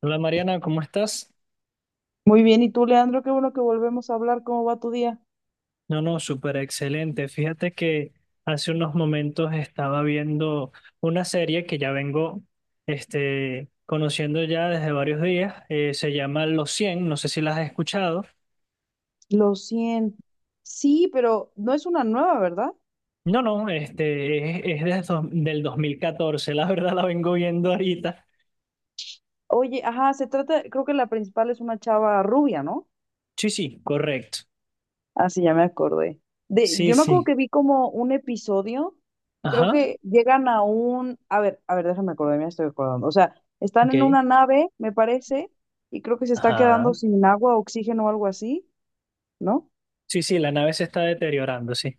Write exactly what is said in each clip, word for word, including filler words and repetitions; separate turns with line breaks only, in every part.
Hola Mariana, ¿cómo estás?
Muy bien, y tú, Leandro, qué bueno que volvemos a hablar. ¿Cómo va tu día?
No, no, súper excelente. Fíjate que hace unos momentos estaba viendo una serie que ya vengo este, conociendo ya desde varios días. Eh, se llama Los Cien. No sé si las has escuchado.
Los cien. Sí, pero no es una nueva, ¿verdad?
No, no, este, es, es desde dos- del dos mil catorce. La verdad la vengo viendo ahorita.
Oye, ajá, se trata, creo que la principal es una chava rubia, ¿no?
Sí, sí, correcto.
Ah, sí, ya me acordé. De,
Sí,
yo me acuerdo
sí.
que vi como un episodio, creo
Ajá,
que llegan a un, a ver, a ver, déjame acordar, me estoy acordando. O sea, están en
ok.
una nave, me parece, y creo que se está
Ajá.
quedando sin agua, oxígeno o algo así, ¿no?
Sí, sí, la nave se está deteriorando, sí.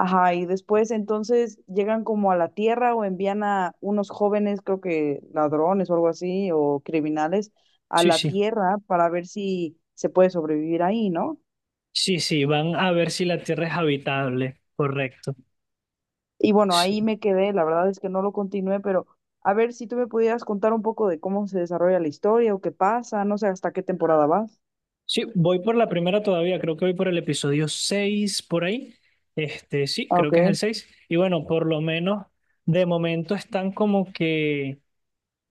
Ajá, y después entonces llegan como a la tierra o envían a unos jóvenes, creo que ladrones o algo así, o criminales, a
Sí,
la
sí.
tierra para ver si se puede sobrevivir ahí, ¿no?
Sí, sí, van a ver si la Tierra es habitable, correcto.
Y bueno,
Sí,
ahí me quedé, la verdad es que no lo continué, pero a ver si tú me pudieras contar un poco de cómo se desarrolla la historia o qué pasa, no sé hasta qué temporada vas.
sí, voy por la primera todavía, creo que voy por el episodio seis por ahí. Este, sí,
Ah,
creo
ok,
que es el seis. Y bueno, por lo menos de momento están como que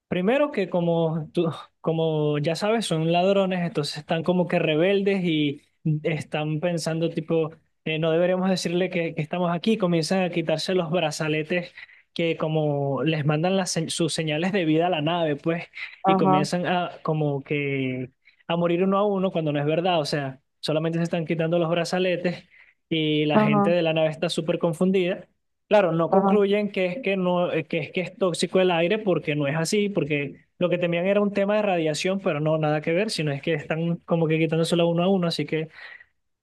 primero que como tú, como ya sabes, son ladrones, entonces están como que rebeldes y están pensando tipo, eh, no deberíamos decirle que, que estamos aquí, comienzan a quitarse los brazaletes que como les mandan las, se- sus señales de vida a la nave, pues, y
ajá,
comienzan a como que a morir uno a uno cuando no es verdad, o sea, solamente se están quitando los brazaletes y la gente
ajá,
de la nave está súper confundida. Claro, no
ajá,
concluyen que es que no, eh, que es que es tóxico el aire porque no es así, porque lo que temían era un tema de radiación, pero no, nada que ver, sino es que están como que quitándosela uno a uno, así que,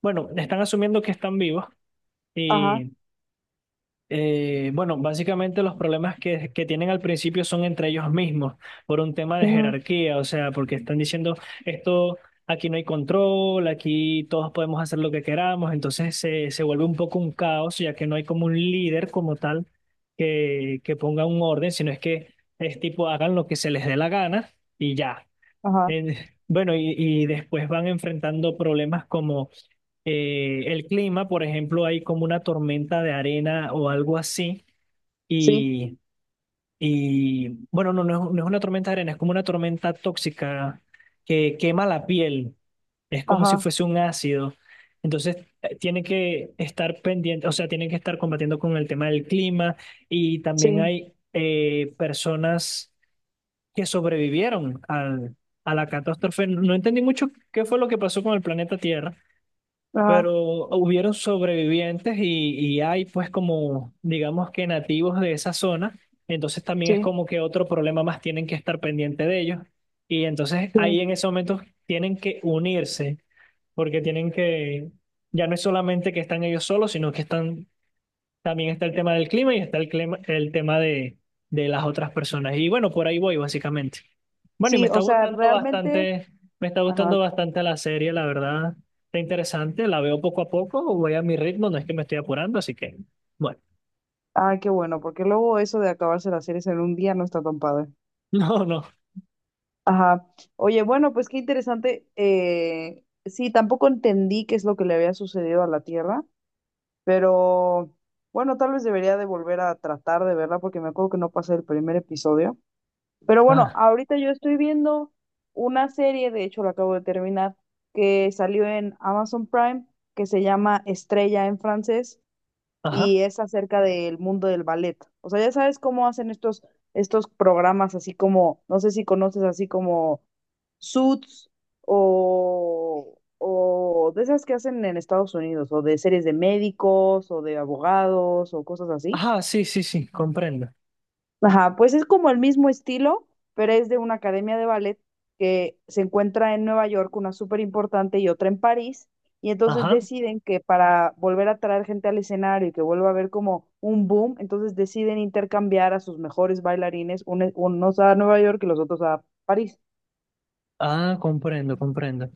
bueno, están asumiendo que están vivos
ajá,
y. Eh, bueno, básicamente los problemas que, que tienen al principio son entre ellos mismos, por un tema de
ujú,
jerarquía, o sea, porque están diciendo esto, aquí no hay control, aquí todos podemos hacer lo que queramos, entonces se, se vuelve un poco un caos, ya que no hay como un líder como tal que, que ponga un orden, sino es que es tipo hagan lo que se les dé la gana y ya.
ajá,
En- bueno, y, y después van enfrentando problemas como eh, el clima, por ejemplo, hay como una tormenta de arena o algo así.
sí,
Y, y, bueno, no, no es, no es una tormenta de arena, es como una tormenta tóxica que quema la piel. Es como si
ajá,
fuese un ácido. Entonces, eh, tiene que estar pendiente, o sea, tienen que estar combatiendo con el tema del clima. Y también
sí,
hay eh, personas que sobrevivieron al- a la catástrofe. No entendí mucho qué fue lo que pasó con el planeta Tierra,
ajá,
pero hubieron sobrevivientes y, y hay pues como, digamos que nativos de esa zona, entonces también es
sí,
como que otro problema más tienen que estar pendiente de ellos. Y entonces
sí.
ahí en ese momento tienen que unirse, porque tienen que, ya no es solamente que están ellos solos, sino que están también está el tema del clima y está el, clima- el tema de, de las otras personas. Y bueno, por ahí voy básicamente. Bueno, y me
Sí,
está
o sea,
gustando
realmente.
bastante, me está
Ajá.
gustando bastante la serie, la verdad. Está interesante, la veo poco a poco, voy a mi ritmo, no es que me estoy apurando, así que, bueno,
Ay, qué bueno, porque luego eso de acabarse las series en un día no está tan padre.
no, no.
Ajá. Oye, bueno, pues qué interesante. Eh, sí, tampoco entendí qué es lo que le había sucedido a la Tierra, pero bueno, tal vez debería de volver a tratar de verla porque me acuerdo que no pasé el primer episodio. Pero bueno,
Ah,
ahorita yo estoy viendo una serie, de hecho la acabo de terminar, que salió en Amazon Prime, que se llama Estrella en francés
ajá.
y es acerca del mundo del ballet. O sea, ya sabes cómo hacen estos, estos programas, así como, no sé si conoces así como Suits o, o de esas que hacen en Estados Unidos, o de series de médicos o de abogados o cosas así.
Ajá, sí, sí, sí, comprendo.
Ajá, pues es como el mismo estilo, pero es de una academia de ballet que se encuentra en Nueva York, una súper importante y otra en París, y entonces
Ajá.
deciden que para volver a traer gente al escenario y que vuelva a haber como un boom, entonces deciden intercambiar a sus mejores bailarines, un- unos a Nueva York y los otros a París.
Ah, comprendo, comprendo.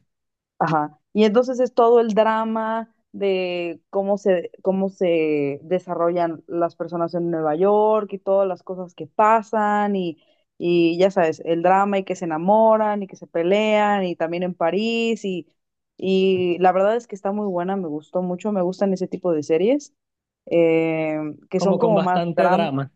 Ajá. Y entonces es todo el drama de cómo se, cómo se desarrollan las personas en Nueva York y todas las cosas que pasan y, y ya sabes, el drama y que se enamoran y que se pelean y también en París y, y la verdad es que está muy buena, me gustó mucho, me gustan ese tipo de series eh, que
Como
son
con
como más
bastante drama.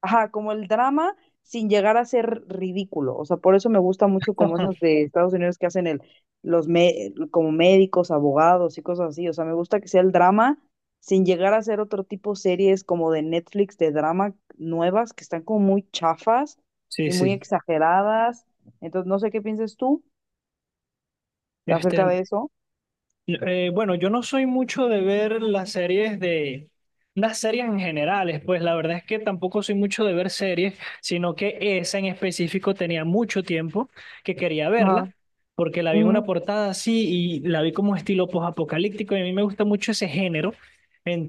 ajá, como el drama sin llegar a ser ridículo. O sea, por eso me gusta mucho como esas de Estados Unidos que hacen el, los me- como médicos, abogados y cosas así. O sea, me gusta que sea el drama sin llegar a ser otro tipo series como de Netflix de drama nuevas que están como muy chafas
Sí,
y muy
sí.
exageradas. Entonces, no sé qué pienses tú
Este,
acerca de eso.
Eh, bueno, yo no soy mucho de ver las series de... Las series en generales, pues la verdad es que tampoco soy mucho de ver series, sino que esa en específico tenía mucho tiempo que quería
Ajá,
verla, porque la vi en una
ujú,
portada así y la vi como estilo post-apocalíptico y a mí me gusta mucho ese género.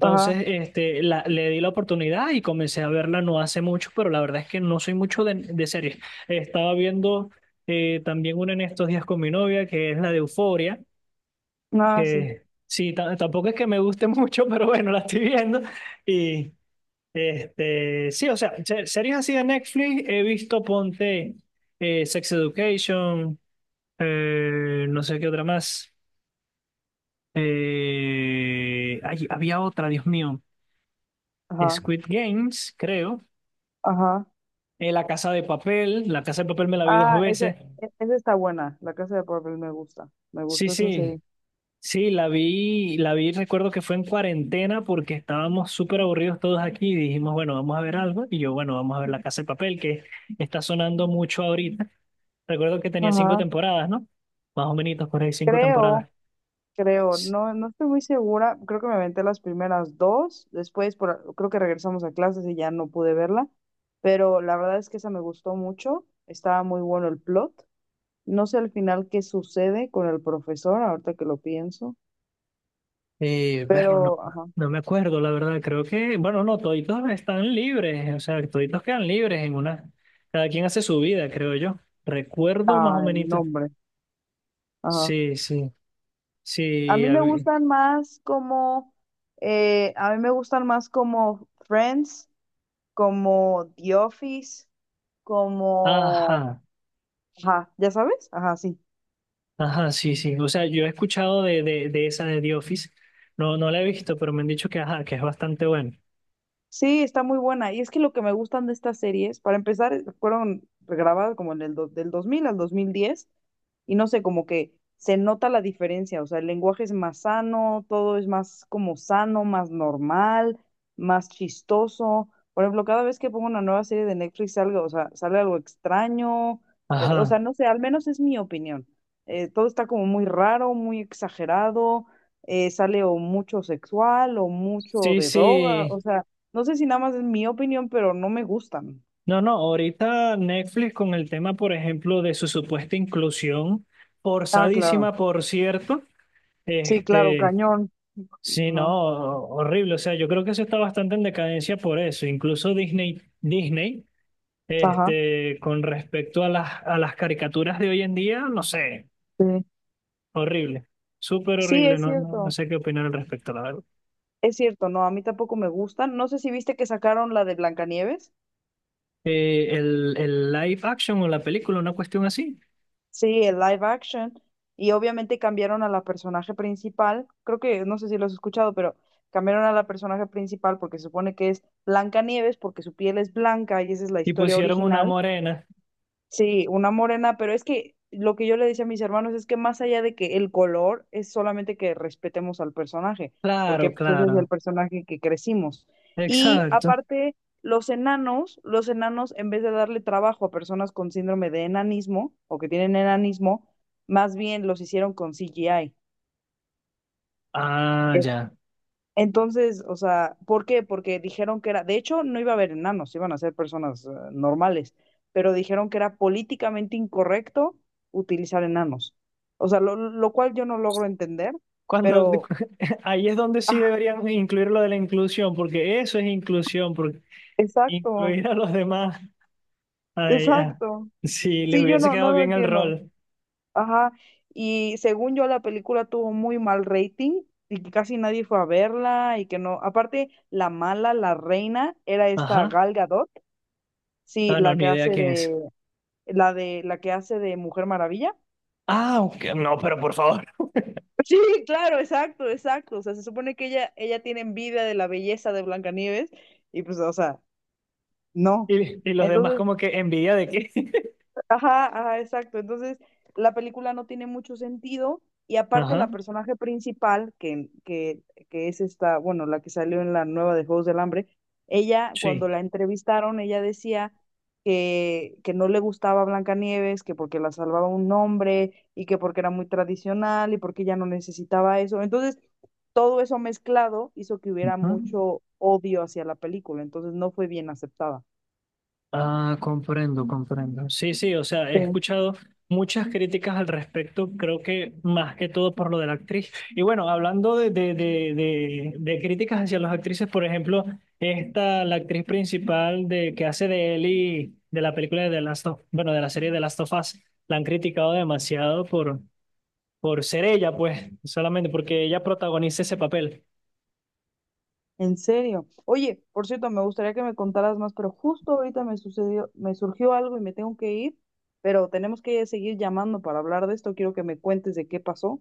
ajá,
este, la, le di la oportunidad y comencé a verla no hace mucho, pero la verdad es que no soy mucho de, de series. Estaba viendo eh, también una en estos días con mi novia, que es la de Euforia,
ah, sí,
que sí, ta- tampoco es que me guste mucho, pero bueno, la estoy viendo. Y este, sí, o sea, se- series así de Netflix he visto, ponte eh, Sex Education, eh, no sé qué otra más. Eh, ay, había otra, Dios mío,
ajá,
Squid Games, creo.
ajá.
eh, La Casa de Papel, La Casa de Papel me la vi dos
Ah, esa,
veces.
e- esa está buena, La Casa de Papel me gusta, me
Sí,
gustó esa
sí,
serie.
sí, la vi, la vi, recuerdo que fue en cuarentena porque estábamos súper aburridos todos aquí y dijimos, bueno, vamos a ver algo. Y yo, bueno, vamos a ver La Casa de Papel, que está sonando mucho ahorita. Recuerdo que tenía cinco
Ajá,
temporadas, ¿no? Más o menos, por ahí cinco
creo,
temporadas.
creo, no, no estoy muy segura, creo que me aventé las primeras dos, después por, creo que regresamos a clases y ya no pude verla, pero la verdad es que esa me gustó mucho, estaba muy bueno el plot, no sé al final qué sucede con el profesor, ahorita que lo pienso,
Eh, berro, no,
pero, ajá,
no me acuerdo, la verdad. Creo que, bueno, no, toditos están libres, o sea, toditos quedan libres en una. Cada quien hace su vida, creo yo. Recuerdo más o
ah,
menos.
el nombre, ajá.
Sí, sí,
A
sí.
mí me
hab-
gustan más como, eh, a mí me gustan más como Friends, como The Office, como.
Ajá.
Ajá, ¿ya sabes? Ajá, sí.
Ajá, sí, sí. O sea, yo he escuchado de, de, de esa de The Office. No, no la he visto, pero me han dicho que, ajá, que es bastante buena.
Sí, está muy buena. Y es que lo que me gustan de estas series, para empezar, eh, fueron grabadas como en el do- del dos mil al dos mil diez y no sé, como que se nota la diferencia, o sea, el lenguaje es más sano, todo es más como sano, más normal, más chistoso. Por ejemplo, cada vez que pongo una nueva serie de Netflix salga, o sea, sale algo extraño, eh, o sea,
Ajá.
no sé, al menos es mi opinión. Eh, todo está como muy raro, muy exagerado, eh, sale o mucho sexual o mucho
Sí,
de droga, o
sí.
sea. No sé si nada más es mi opinión, pero no me gustan.
No, no, ahorita Netflix con el tema, por ejemplo, de su supuesta inclusión,
Ah, claro.
forzadísima, por cierto.
Sí, claro,
Este,
cañón.
sí, no,
Ajá,
horrible. O sea, yo creo que eso está bastante en decadencia por eso. Incluso Disney, Disney,
ajá,
este, con respecto a las, a las caricaturas de hoy en día, no sé.
sí.
Horrible, súper
Sí,
horrible,
es
no, no, no
cierto,
sé qué opinar al respecto, la verdad.
es cierto, no, a mí tampoco me gustan. No sé si viste que sacaron la de Blancanieves.
Eh, el, el live action o la película, una cuestión así,
Sí, el live action. Y obviamente cambiaron a la personaje principal. Creo que, no sé si lo has escuchado, pero cambiaron a la personaje principal porque se supone que es Blancanieves, porque su piel es blanca y esa es la
y
historia
pusieron una
original.
morena.
Sí, una morena, pero es que lo que yo le decía a mis hermanos es que más allá de que el color es solamente que respetemos al personaje, porque
Claro,
pues ese es el
claro,
personaje que crecimos. Y
exacto.
aparte, los enanos, los enanos en vez de darle trabajo a personas con síndrome de enanismo o que tienen enanismo, más bien los hicieron con C G I.
Ah, ya.
Entonces, o sea, ¿por qué? Porque dijeron que era, de hecho, no iba a haber enanos, iban a ser personas eh, normales, pero dijeron que era políticamente incorrecto utilizar enanos. O sea, lo, lo cual yo no logro entender,
Cuando,
pero,
ahí es donde sí
ah,
deberían incluir lo de la inclusión, porque eso es inclusión, porque
exacto,
incluir a los demás, ay, ah,
exacto.
si les
Sí, yo
hubiese
no, no
quedado
lo
bien el
entiendo.
rol.
Ajá. Y según yo, la película tuvo muy mal rating y que casi nadie fue a verla y que no. Aparte, la mala, la reina, era esta
Ajá.
Gal Gadot, sí,
Ah, no,
la
ni
que
idea
hace
quién es.
de la de la que hace de Mujer Maravilla.
Ah, ok, no, pero por favor.
Sí, claro, exacto, exacto. O sea, se supone que ella, ella tiene envidia de la belleza de Blancanieves y pues, o sea, no.
Y, y los demás
Entonces,
como que envidia de qué.
ajá, ajá, exacto. Entonces, la película no tiene mucho sentido y aparte
Ajá.
la personaje principal, que, que, que es esta, bueno, la que salió en la nueva de Juegos del Hambre, ella, cuando
Sí.
la entrevistaron, ella decía que, que no le gustaba Blancanieves, que porque la salvaba un hombre y que porque era muy tradicional y porque ella no necesitaba eso. Entonces, todo eso mezclado hizo que hubiera
Ah,
mucho odio hacia la película, entonces no fue bien aceptada.
ah, comprendo, comprendo. Sí, sí, o sea, he
Sí.
escuchado muchas críticas al respecto, creo que más que todo por lo de la actriz. Y bueno, hablando de, de, de, de, de críticas hacia las actrices, por ejemplo, esta, la actriz principal de, que hace de Ellie, de la película de The Last of, bueno, de la serie de Last of Us, la han criticado demasiado por, por ser ella, pues, solamente porque ella protagoniza ese papel.
En serio. Oye, por cierto, me gustaría que me contaras más, pero justo ahorita me sucedió, me surgió algo y me tengo que ir, pero tenemos que seguir llamando para hablar de esto. Quiero que me cuentes de qué pasó.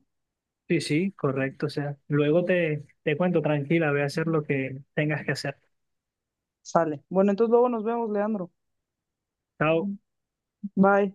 Sí, sí, correcto. O sea, luego te, te cuento, tranquila, ve a hacer lo que tengas que hacer.
Sale. Bueno, entonces luego nos vemos, Leandro.
Chao.
Bye.